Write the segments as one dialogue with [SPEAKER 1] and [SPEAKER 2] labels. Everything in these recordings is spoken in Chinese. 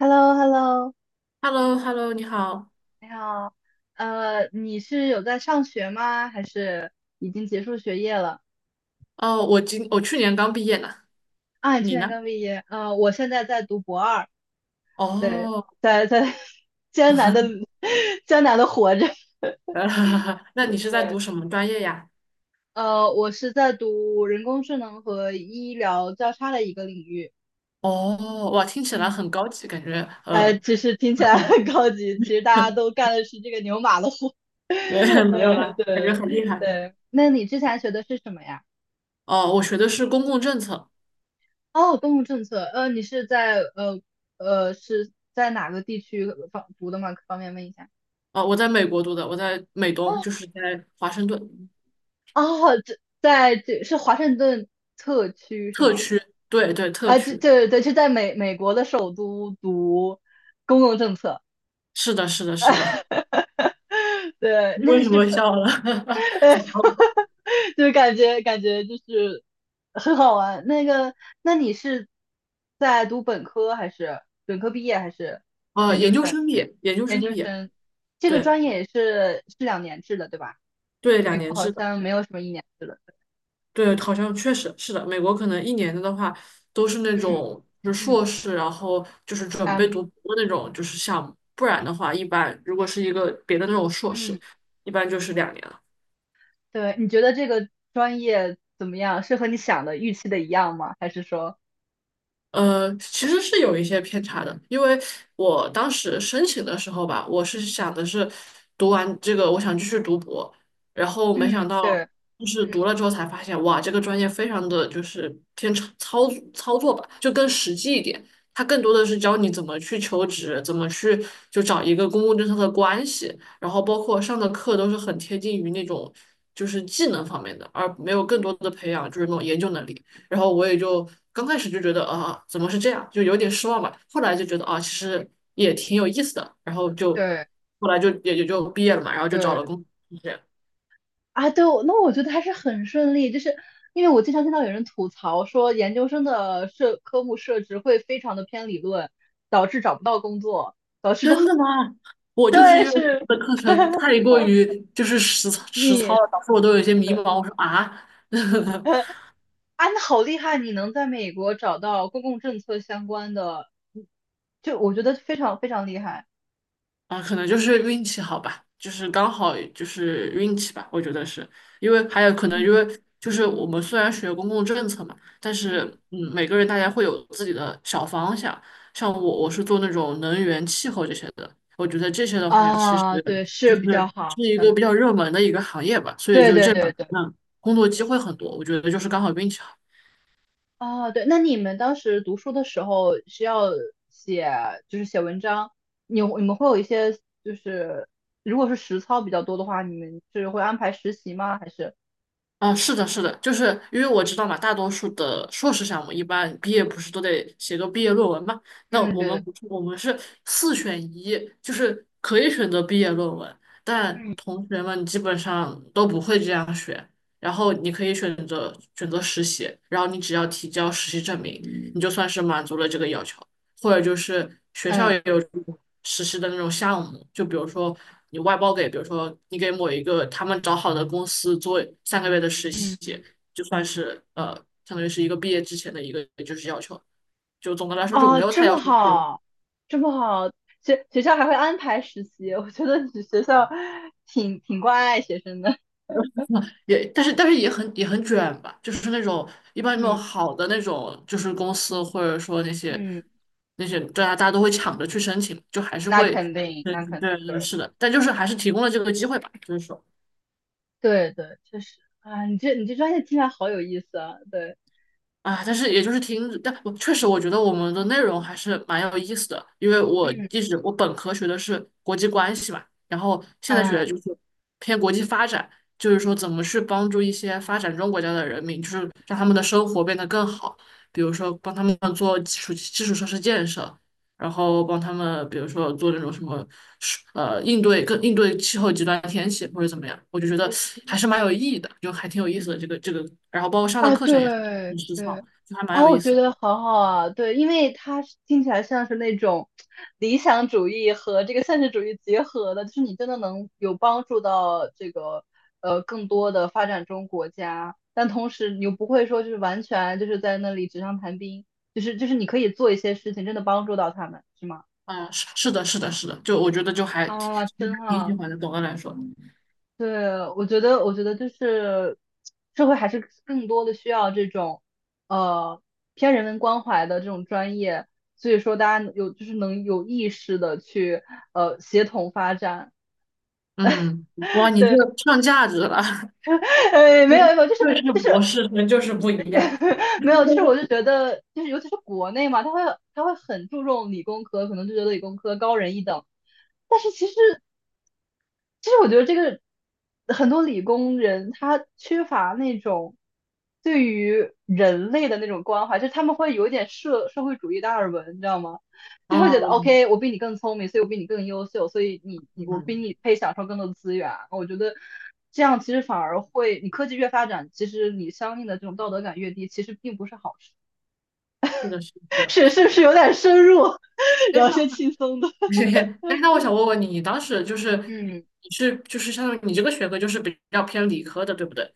[SPEAKER 1] hello hello
[SPEAKER 2] h e l l o h e l l o 你好。
[SPEAKER 1] 你好。你是有在上学吗？还是已经结束学业了？
[SPEAKER 2] 哦，我去年刚毕业呢，
[SPEAKER 1] 啊，你去
[SPEAKER 2] 你
[SPEAKER 1] 年
[SPEAKER 2] 呢？
[SPEAKER 1] 刚毕业。我现在在读博二。对，
[SPEAKER 2] 哦，
[SPEAKER 1] 在 艰难的 艰难的活着。
[SPEAKER 2] 那你是在
[SPEAKER 1] 对，
[SPEAKER 2] 读什么专业呀？
[SPEAKER 1] 我是在读人工智能和医疗交叉的一个领域。
[SPEAKER 2] 哦，哇，听起来
[SPEAKER 1] 嗯，
[SPEAKER 2] 很高级，感觉
[SPEAKER 1] 其实听起来
[SPEAKER 2] 很
[SPEAKER 1] 很高级，其实大家
[SPEAKER 2] 很，
[SPEAKER 1] 都干的是这个牛马的活。
[SPEAKER 2] 没有啦，感觉
[SPEAKER 1] 对
[SPEAKER 2] 很厉害。
[SPEAKER 1] 对。那你之前学的是什么呀？
[SPEAKER 2] 哦，我学的是公共政策。
[SPEAKER 1] 哦，公共政策。你是在呃呃是在哪个地区方读的吗？方便问一下？
[SPEAKER 2] 哦，我在美国读的，我在美东，
[SPEAKER 1] 哦
[SPEAKER 2] 就是在华盛顿
[SPEAKER 1] 哦，这是华盛顿特区是
[SPEAKER 2] 特
[SPEAKER 1] 吗？
[SPEAKER 2] 区。对对，特
[SPEAKER 1] 啊，这
[SPEAKER 2] 区。
[SPEAKER 1] 这对，是在美国的首都读公共政策。
[SPEAKER 2] 是的，是的，是的。
[SPEAKER 1] 对，
[SPEAKER 2] 你
[SPEAKER 1] 那
[SPEAKER 2] 为
[SPEAKER 1] 你
[SPEAKER 2] 什
[SPEAKER 1] 是
[SPEAKER 2] 么
[SPEAKER 1] 本
[SPEAKER 2] 笑了？
[SPEAKER 1] 哎，就是感觉就是很好玩。那个，那你是在读本科还是本科毕业还是研究
[SPEAKER 2] 研究
[SPEAKER 1] 生？
[SPEAKER 2] 生毕业，研究
[SPEAKER 1] 研
[SPEAKER 2] 生
[SPEAKER 1] 究
[SPEAKER 2] 毕业，
[SPEAKER 1] 生这个
[SPEAKER 2] 对
[SPEAKER 1] 专业也是两年制的，对吧？
[SPEAKER 2] 对，两
[SPEAKER 1] 美国
[SPEAKER 2] 年
[SPEAKER 1] 好
[SPEAKER 2] 制的。
[SPEAKER 1] 像没有什么一年制的。嗯，
[SPEAKER 2] 对，好像确实是的。美国可能一年的话，都是那
[SPEAKER 1] 嗯
[SPEAKER 2] 种就是
[SPEAKER 1] 嗯
[SPEAKER 2] 硕士，然后就是准备
[SPEAKER 1] 嗯
[SPEAKER 2] 读博的那种就是项目，不然的话，一般如果是一个别的那种硕士，
[SPEAKER 1] 嗯，
[SPEAKER 2] 一般就是两年。
[SPEAKER 1] 对，你觉得这个专业怎么样？是和你想的预期的一样吗？还是说，
[SPEAKER 2] 其实是有一些偏差的，因为我当时申请的时候吧，我是想的是读完这个，我想继续读博，然后没想
[SPEAKER 1] 嗯，
[SPEAKER 2] 到
[SPEAKER 1] 对
[SPEAKER 2] 就是读了之后才发现，哇，这个专业非常的就是偏操作吧，就更实际一点，它更多的是教你怎么去求职，怎么去就找一个公共政策的关系，然后包括上的课都是很贴近于那种就是技能方面的，而没有更多的培养就是那种研究能力。然后我也就刚开始就觉得啊，怎么是这样，就有点失望吧。后来就觉得啊，其实也挺有意思的。然后就
[SPEAKER 1] 对
[SPEAKER 2] 后来就也就毕业了嘛，然后就找
[SPEAKER 1] 对，
[SPEAKER 2] 了工作。就这样。
[SPEAKER 1] 啊，对，我觉得还是很顺利，就是因为我经常听到有人吐槽说，研究生的科目设置会非常的偏理论，导致找不到工作，导致不，
[SPEAKER 2] 真 的吗？我就是
[SPEAKER 1] 对，
[SPEAKER 2] 因为我们
[SPEAKER 1] 是
[SPEAKER 2] 的课程太过于就是实
[SPEAKER 1] 你
[SPEAKER 2] 操了，导致我都有一些迷茫。我说啊，
[SPEAKER 1] 啊，那好厉害，你能在美国找到公共政策相关的。嗯，就我觉得非常非常厉害。
[SPEAKER 2] 啊，可能就是运气好吧，就是刚好就是运气吧，我觉得是，因为还有可能因
[SPEAKER 1] 嗯，
[SPEAKER 2] 为就是我们虽然学公共政策嘛，但
[SPEAKER 1] 嗯，
[SPEAKER 2] 是嗯，每个人大家会有自己的小方向，像我是做那种能源、气候这些的，我觉得这些的话其实
[SPEAKER 1] 啊，对，
[SPEAKER 2] 就
[SPEAKER 1] 是比较
[SPEAKER 2] 是
[SPEAKER 1] 好。
[SPEAKER 2] 是一个
[SPEAKER 1] 嗯，
[SPEAKER 2] 比较热门的一个行业吧，所以
[SPEAKER 1] 对
[SPEAKER 2] 就
[SPEAKER 1] 对
[SPEAKER 2] 这
[SPEAKER 1] 对
[SPEAKER 2] 两
[SPEAKER 1] 对。
[SPEAKER 2] 个工作机会很多，我觉得就是刚好运气好。
[SPEAKER 1] 哦，对，那你们当时读书的时候需要写，就是写文章。你们会有一些，就是，如果是实操比较多的话，你们是会安排实习吗？还是？
[SPEAKER 2] 啊，是的，是的，就是因为我知道嘛，大多数的硕士项目一般毕业不是都得写个毕业论文嘛？那
[SPEAKER 1] 嗯，
[SPEAKER 2] 我
[SPEAKER 1] 对
[SPEAKER 2] 们
[SPEAKER 1] 对，
[SPEAKER 2] 不是，我们是四选一，就是可以选择毕业论文，但
[SPEAKER 1] 嗯
[SPEAKER 2] 同学们基本上都不会这样选。然后你可以选择实习，然后你只要提交实习证明，你就算是满足了这个要求。或者就是学校
[SPEAKER 1] 嗯，
[SPEAKER 2] 也有这种实施的那种项目，就比如说你外包给，比如说你给某一个他们找好的公司做三个月的实
[SPEAKER 1] 嗯，
[SPEAKER 2] 习，就算是相当于是一个毕业之前的一个就是要求。就总的来说就没
[SPEAKER 1] 哦，
[SPEAKER 2] 有
[SPEAKER 1] 这
[SPEAKER 2] 太要
[SPEAKER 1] 么
[SPEAKER 2] 求自己
[SPEAKER 1] 好，这么好，学校还会安排实习，我觉得你学校挺关爱学生的。
[SPEAKER 2] 也但是也很卷吧，就是那种一般那种
[SPEAKER 1] 嗯
[SPEAKER 2] 好的那种就是公司或者说那 些
[SPEAKER 1] 嗯，
[SPEAKER 2] 那些大家都会抢着去申请，就还是
[SPEAKER 1] 那
[SPEAKER 2] 会，
[SPEAKER 1] 肯定，
[SPEAKER 2] 对
[SPEAKER 1] 那
[SPEAKER 2] 对
[SPEAKER 1] 肯定，
[SPEAKER 2] 对，
[SPEAKER 1] 对。
[SPEAKER 2] 是的，但就是还是提供了这个机会吧，就是说。
[SPEAKER 1] 对对，确实啊，你这专业听起来好有意思啊。对，
[SPEAKER 2] 啊，但是也就是听，但我确实我觉得我们的内容还是蛮有意思的，因为我
[SPEAKER 1] 嗯。
[SPEAKER 2] 一直我本科学的是国际关系嘛，然后现在学
[SPEAKER 1] 嗯。
[SPEAKER 2] 的就是偏国际发展，就是说怎么去帮助一些发展中国家的人民，就是让他们的生活变得更好，比如说帮他们做基础设施建设，然后帮他们比如说做那种什么应对气候极端天气或者怎么样，我就觉得还是蛮有意义的，就还挺有意思的这个，然后包括上的
[SPEAKER 1] 啊，
[SPEAKER 2] 课程也是。
[SPEAKER 1] 对
[SPEAKER 2] 很实
[SPEAKER 1] 对
[SPEAKER 2] 操，就还蛮
[SPEAKER 1] 啊，
[SPEAKER 2] 有
[SPEAKER 1] 我
[SPEAKER 2] 意
[SPEAKER 1] 觉
[SPEAKER 2] 思。
[SPEAKER 1] 得好好啊。对，因为它是听起来像是那种理想主义和这个现实主义结合的，就是你真的能有帮助到这个更多的发展中国家，但同时你又不会说就是完全就是在那里纸上谈兵，就是你可以做一些事情，真的帮助到他们，是吗？
[SPEAKER 2] 啊、是的，是的，是的，就我觉得就还挺
[SPEAKER 1] 啊，真
[SPEAKER 2] 挺喜
[SPEAKER 1] 好。
[SPEAKER 2] 欢的。总的来说，
[SPEAKER 1] 对，我觉得就是社会还是更多的需要这种呃偏人文关怀的这种专业，所以说大家有就是能有意识的去协同发展。
[SPEAKER 2] 嗯，哇，你这
[SPEAKER 1] 对，
[SPEAKER 2] 上价值了，
[SPEAKER 1] 没有没有，就 是
[SPEAKER 2] 对，是
[SPEAKER 1] 就
[SPEAKER 2] 博
[SPEAKER 1] 是
[SPEAKER 2] 士生就是不一样。
[SPEAKER 1] 没有，就是我 就觉得就是尤其是国内嘛，他会很注重理工科，可能就觉得理工科高人一等。但是其实。其实我觉得这个很多理工人他缺乏那种对于人类的那种关怀，就是他们会有一点社会主义达尔文，你知道吗？就会觉得
[SPEAKER 2] 嗯
[SPEAKER 1] OK，我比你更聪明，所以我比你更优秀，所以我
[SPEAKER 2] 嗯，
[SPEAKER 1] 比你配享受更多的资源。我觉得这样其实反而会，你科技越发展，其实你相应的这种道德感越低，其实并不是好事。
[SPEAKER 2] 是的，是 的。
[SPEAKER 1] 是
[SPEAKER 2] 哎
[SPEAKER 1] 是不是有点深入，
[SPEAKER 2] 哎，
[SPEAKER 1] 聊
[SPEAKER 2] 那
[SPEAKER 1] 些轻松的？
[SPEAKER 2] 哎，那我想问问你，你当时就是
[SPEAKER 1] 嗯。
[SPEAKER 2] 你是就是相当于你这个学科就是比较偏理科的，对不对？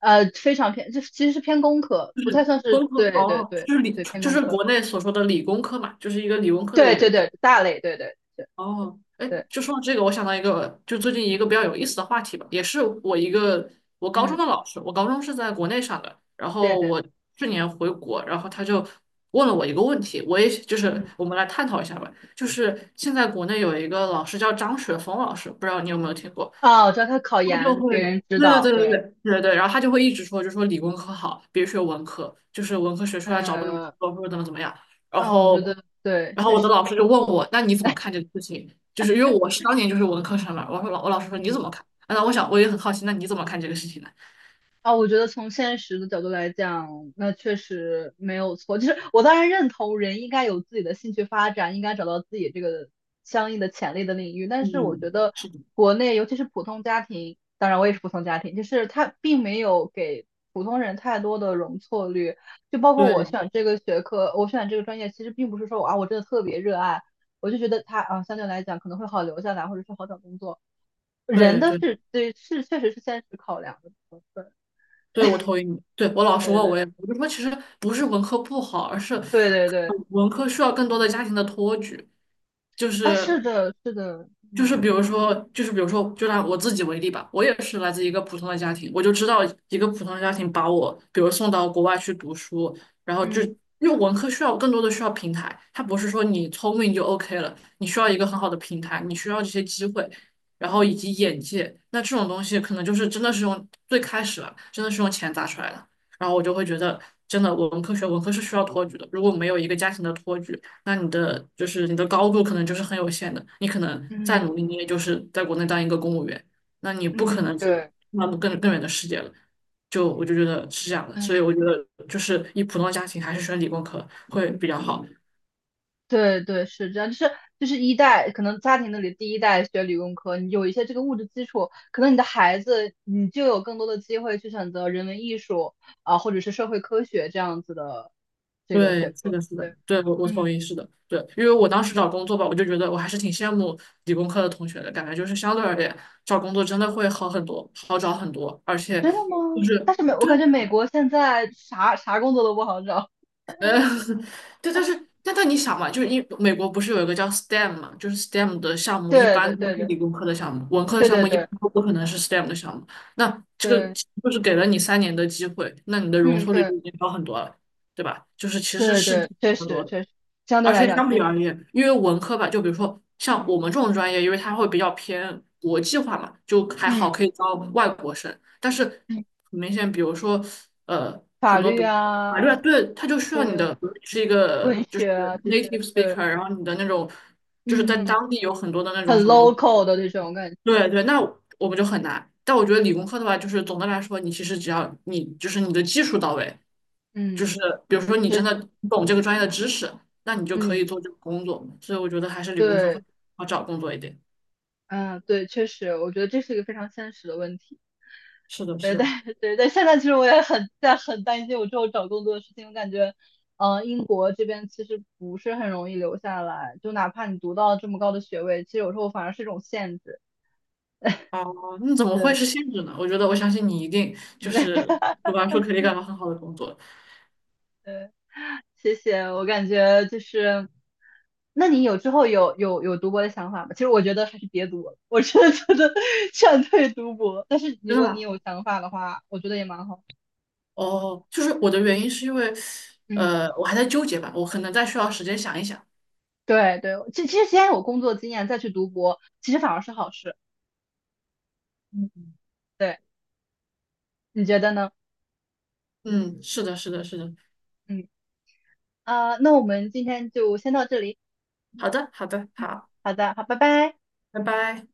[SPEAKER 1] 非常偏，就是其实是偏工科，
[SPEAKER 2] 就
[SPEAKER 1] 不太
[SPEAKER 2] 是
[SPEAKER 1] 算是，
[SPEAKER 2] 工
[SPEAKER 1] 对
[SPEAKER 2] 科
[SPEAKER 1] 对对
[SPEAKER 2] 哦，就是理
[SPEAKER 1] 对，偏
[SPEAKER 2] 就
[SPEAKER 1] 工
[SPEAKER 2] 是
[SPEAKER 1] 科，
[SPEAKER 2] 国内所说的理工科嘛，就是一个理工科的
[SPEAKER 1] 对
[SPEAKER 2] 一个
[SPEAKER 1] 对
[SPEAKER 2] 专
[SPEAKER 1] 对，
[SPEAKER 2] 业。
[SPEAKER 1] 大类，对对对
[SPEAKER 2] 哦，哎，
[SPEAKER 1] 对，
[SPEAKER 2] 就说到这个，我想到一个，就最近一个比较有意思的话题吧，也是我一个我高中
[SPEAKER 1] 嗯，
[SPEAKER 2] 的老师，我高中是在国内上的，然
[SPEAKER 1] 对
[SPEAKER 2] 后
[SPEAKER 1] 对，
[SPEAKER 2] 我去年回国，然后他就问了我一个问题，我也就是
[SPEAKER 1] 嗯，
[SPEAKER 2] 我们来探讨一下吧，就是现在国内有一个老师叫张雪峰老师，不知道你有没有听过？
[SPEAKER 1] 哦，我知道他考
[SPEAKER 2] 他就
[SPEAKER 1] 研
[SPEAKER 2] 会，
[SPEAKER 1] 给人指
[SPEAKER 2] 对对
[SPEAKER 1] 导，
[SPEAKER 2] 对对
[SPEAKER 1] 对，
[SPEAKER 2] 对对对，然后他就会一直说，就说理工科好，别学文科，就是文科学出来找不到工
[SPEAKER 1] 嗯，
[SPEAKER 2] 作或者怎么怎么样。然
[SPEAKER 1] 哦，我觉
[SPEAKER 2] 后，
[SPEAKER 1] 得对，
[SPEAKER 2] 然后
[SPEAKER 1] 确
[SPEAKER 2] 我的
[SPEAKER 1] 实，
[SPEAKER 2] 老师就问我，那你怎么看这个事情？就是因为我是当年就是文科生嘛，我说我老师说你怎
[SPEAKER 1] 嗯。
[SPEAKER 2] 么看？啊那我想我也很好奇，那你怎么看这个事情呢？
[SPEAKER 1] 啊，我觉得从现实的角度来讲，那确实没有错。就是我当然认同人应该有自己的兴趣发展，应该找到自己这个相应的潜力的领域。但是我
[SPEAKER 2] 嗯，
[SPEAKER 1] 觉得
[SPEAKER 2] 是的，
[SPEAKER 1] 国内，尤其是普通家庭，当然我也是普通家庭，就是他并没有给普通人太多的容错率。就包括我
[SPEAKER 2] 对
[SPEAKER 1] 选这个学科，我选这个专业，其实并不是说我啊我真的特别热爱，我就觉得它啊相对来讲可能会好留下来，或者是好找工作。人
[SPEAKER 2] 对
[SPEAKER 1] 的
[SPEAKER 2] 对
[SPEAKER 1] 是对是确实是现实考量的部分，
[SPEAKER 2] 对，我同意你。对我老师
[SPEAKER 1] 对
[SPEAKER 2] 问我
[SPEAKER 1] 对。
[SPEAKER 2] 也，我就说其实不是文科不好，而是
[SPEAKER 1] 对对对，
[SPEAKER 2] 文科需要更多的家庭的托举。就
[SPEAKER 1] 啊，
[SPEAKER 2] 是
[SPEAKER 1] 是的，是的，
[SPEAKER 2] 就
[SPEAKER 1] 嗯
[SPEAKER 2] 是比如说，就是比如说，就拿我自己为例吧，我也是来自一个普通的家庭，我就知道一个普通的家庭把我，比如送到国外去读书，然后就
[SPEAKER 1] 嗯
[SPEAKER 2] 因为文科需要更多的需要平台，它不是说你聪明就 OK 了，你需要一个很好的平台，你需要这些机会，然后以及眼界，那这种东西可能就是真的是用最开始啊，真的是用钱砸出来的，然后我就会觉得真的文科学文科是需要托举的，如果没有一个家庭的托举。那你的就是你的高度可能就是很有限的，你可能再
[SPEAKER 1] 嗯
[SPEAKER 2] 努力，你也就是在国内当一个公务员，那你不可
[SPEAKER 1] 嗯，
[SPEAKER 2] 能去
[SPEAKER 1] 对，
[SPEAKER 2] 那么更远的世界了。就我就觉得是这样的，所以
[SPEAKER 1] 嗯，
[SPEAKER 2] 我觉得就是以普通家庭还是选理工科会比较好。
[SPEAKER 1] 对对，是这样，就是就是一代，可能家庭那里第一代学理工科，你有一些这个物质基础，可能你的孩子你就有更多的机会去选择人文艺术啊，或者是社会科学这样子的这个学
[SPEAKER 2] 对，是
[SPEAKER 1] 科。
[SPEAKER 2] 的，是的，
[SPEAKER 1] 对，
[SPEAKER 2] 对，我同
[SPEAKER 1] 嗯，
[SPEAKER 2] 意，是的，对，因为我当时找工作吧，我就觉得我还是挺羡慕理工科的同学的，感觉就是相对而言找工作真的会好很多，好找很多，而且
[SPEAKER 1] 真的吗？
[SPEAKER 2] 就是。
[SPEAKER 1] 但是我
[SPEAKER 2] 对，
[SPEAKER 1] 感觉美国现在啥啥工作都不好找，
[SPEAKER 2] 呃，对，但是你想嘛，就是因美国不是有一个叫 STEM 嘛，就是 STEM 的项 目一
[SPEAKER 1] 对
[SPEAKER 2] 般
[SPEAKER 1] 对
[SPEAKER 2] 都
[SPEAKER 1] 对
[SPEAKER 2] 是
[SPEAKER 1] 对
[SPEAKER 2] 理工科的项目，文科的
[SPEAKER 1] 对
[SPEAKER 2] 项
[SPEAKER 1] 对
[SPEAKER 2] 目一般
[SPEAKER 1] 对
[SPEAKER 2] 都不可能是 STEM 的项目。那这个
[SPEAKER 1] 对。
[SPEAKER 2] 就是给了你三年的机会，那你的容
[SPEAKER 1] 嗯，
[SPEAKER 2] 错率
[SPEAKER 1] 对。
[SPEAKER 2] 就已经高很多了，对吧？就是其实
[SPEAKER 1] 对
[SPEAKER 2] 是差
[SPEAKER 1] 对，确
[SPEAKER 2] 不多
[SPEAKER 1] 实
[SPEAKER 2] 的。
[SPEAKER 1] 确实，相对
[SPEAKER 2] 而
[SPEAKER 1] 来
[SPEAKER 2] 且
[SPEAKER 1] 讲
[SPEAKER 2] 相
[SPEAKER 1] 确
[SPEAKER 2] 比而
[SPEAKER 1] 实，
[SPEAKER 2] 言，因为文科吧，就比如说像我们这种专业，因为它会比较偏国际化嘛，就还好
[SPEAKER 1] 嗯，
[SPEAKER 2] 可以招外国生。但是
[SPEAKER 1] 嗯，
[SPEAKER 2] 很明显，比如说呃，
[SPEAKER 1] 法
[SPEAKER 2] 很多
[SPEAKER 1] 律
[SPEAKER 2] 比如法律
[SPEAKER 1] 啊，
[SPEAKER 2] 啊，对，它就需要你
[SPEAKER 1] 对，
[SPEAKER 2] 的比如你是一个
[SPEAKER 1] 文
[SPEAKER 2] 就是
[SPEAKER 1] 学啊这些，
[SPEAKER 2] native
[SPEAKER 1] 对，
[SPEAKER 2] speaker，然后你的那种就是在
[SPEAKER 1] 嗯，
[SPEAKER 2] 当地有很多的那种
[SPEAKER 1] 很
[SPEAKER 2] 什么，
[SPEAKER 1] local 的这种感觉，
[SPEAKER 2] 对对，那我们就很难。但我觉得理工科的话，就是总的来说，你其实只要你就是你的技术到位，
[SPEAKER 1] 嗯，
[SPEAKER 2] 就是比如说你真
[SPEAKER 1] 是，
[SPEAKER 2] 的懂这个专业的知识，那你就可
[SPEAKER 1] 嗯，
[SPEAKER 2] 以做这个工作嘛。所以我觉得还是理工科会
[SPEAKER 1] 对，
[SPEAKER 2] 好找工作一点。
[SPEAKER 1] 嗯，对，确实，我觉得这是一个非常现实的问题。
[SPEAKER 2] 是的，
[SPEAKER 1] 对
[SPEAKER 2] 是
[SPEAKER 1] 对
[SPEAKER 2] 的。
[SPEAKER 1] 对对，现在其实我也很在很担心我之后找工作的事情。我感觉，英国这边其实不是很容易留下来，就哪怕你读到这么高的学位，其实有时候反而是一种限制。
[SPEAKER 2] 哦，那怎么会
[SPEAKER 1] 对，
[SPEAKER 2] 是限制呢？我觉得我相信你一定就是 读
[SPEAKER 1] 哈
[SPEAKER 2] 完书肯定干到很好的工作，
[SPEAKER 1] 对。谢谢，我感觉就是，那你之后有读博的想法吗？其实我觉得还是别读了，我真的觉得 劝退读博。但是如
[SPEAKER 2] 真的
[SPEAKER 1] 果你
[SPEAKER 2] 吗？
[SPEAKER 1] 有想法的话，我觉得也蛮好。
[SPEAKER 2] 哦，就是我的原因是因为，
[SPEAKER 1] 嗯，
[SPEAKER 2] 我还在纠结吧，我可能再需要时间想一想。
[SPEAKER 1] 对对，其实先有工作经验再去读博，其实反而是好事。
[SPEAKER 2] 嗯
[SPEAKER 1] 对，你觉得呢？
[SPEAKER 2] 嗯，是的，是的，是的。
[SPEAKER 1] 嗯。啊，那我们今天就先到这里。
[SPEAKER 2] 好的，好的，
[SPEAKER 1] 嗯，
[SPEAKER 2] 好，
[SPEAKER 1] 好的，好，拜拜。
[SPEAKER 2] 拜拜。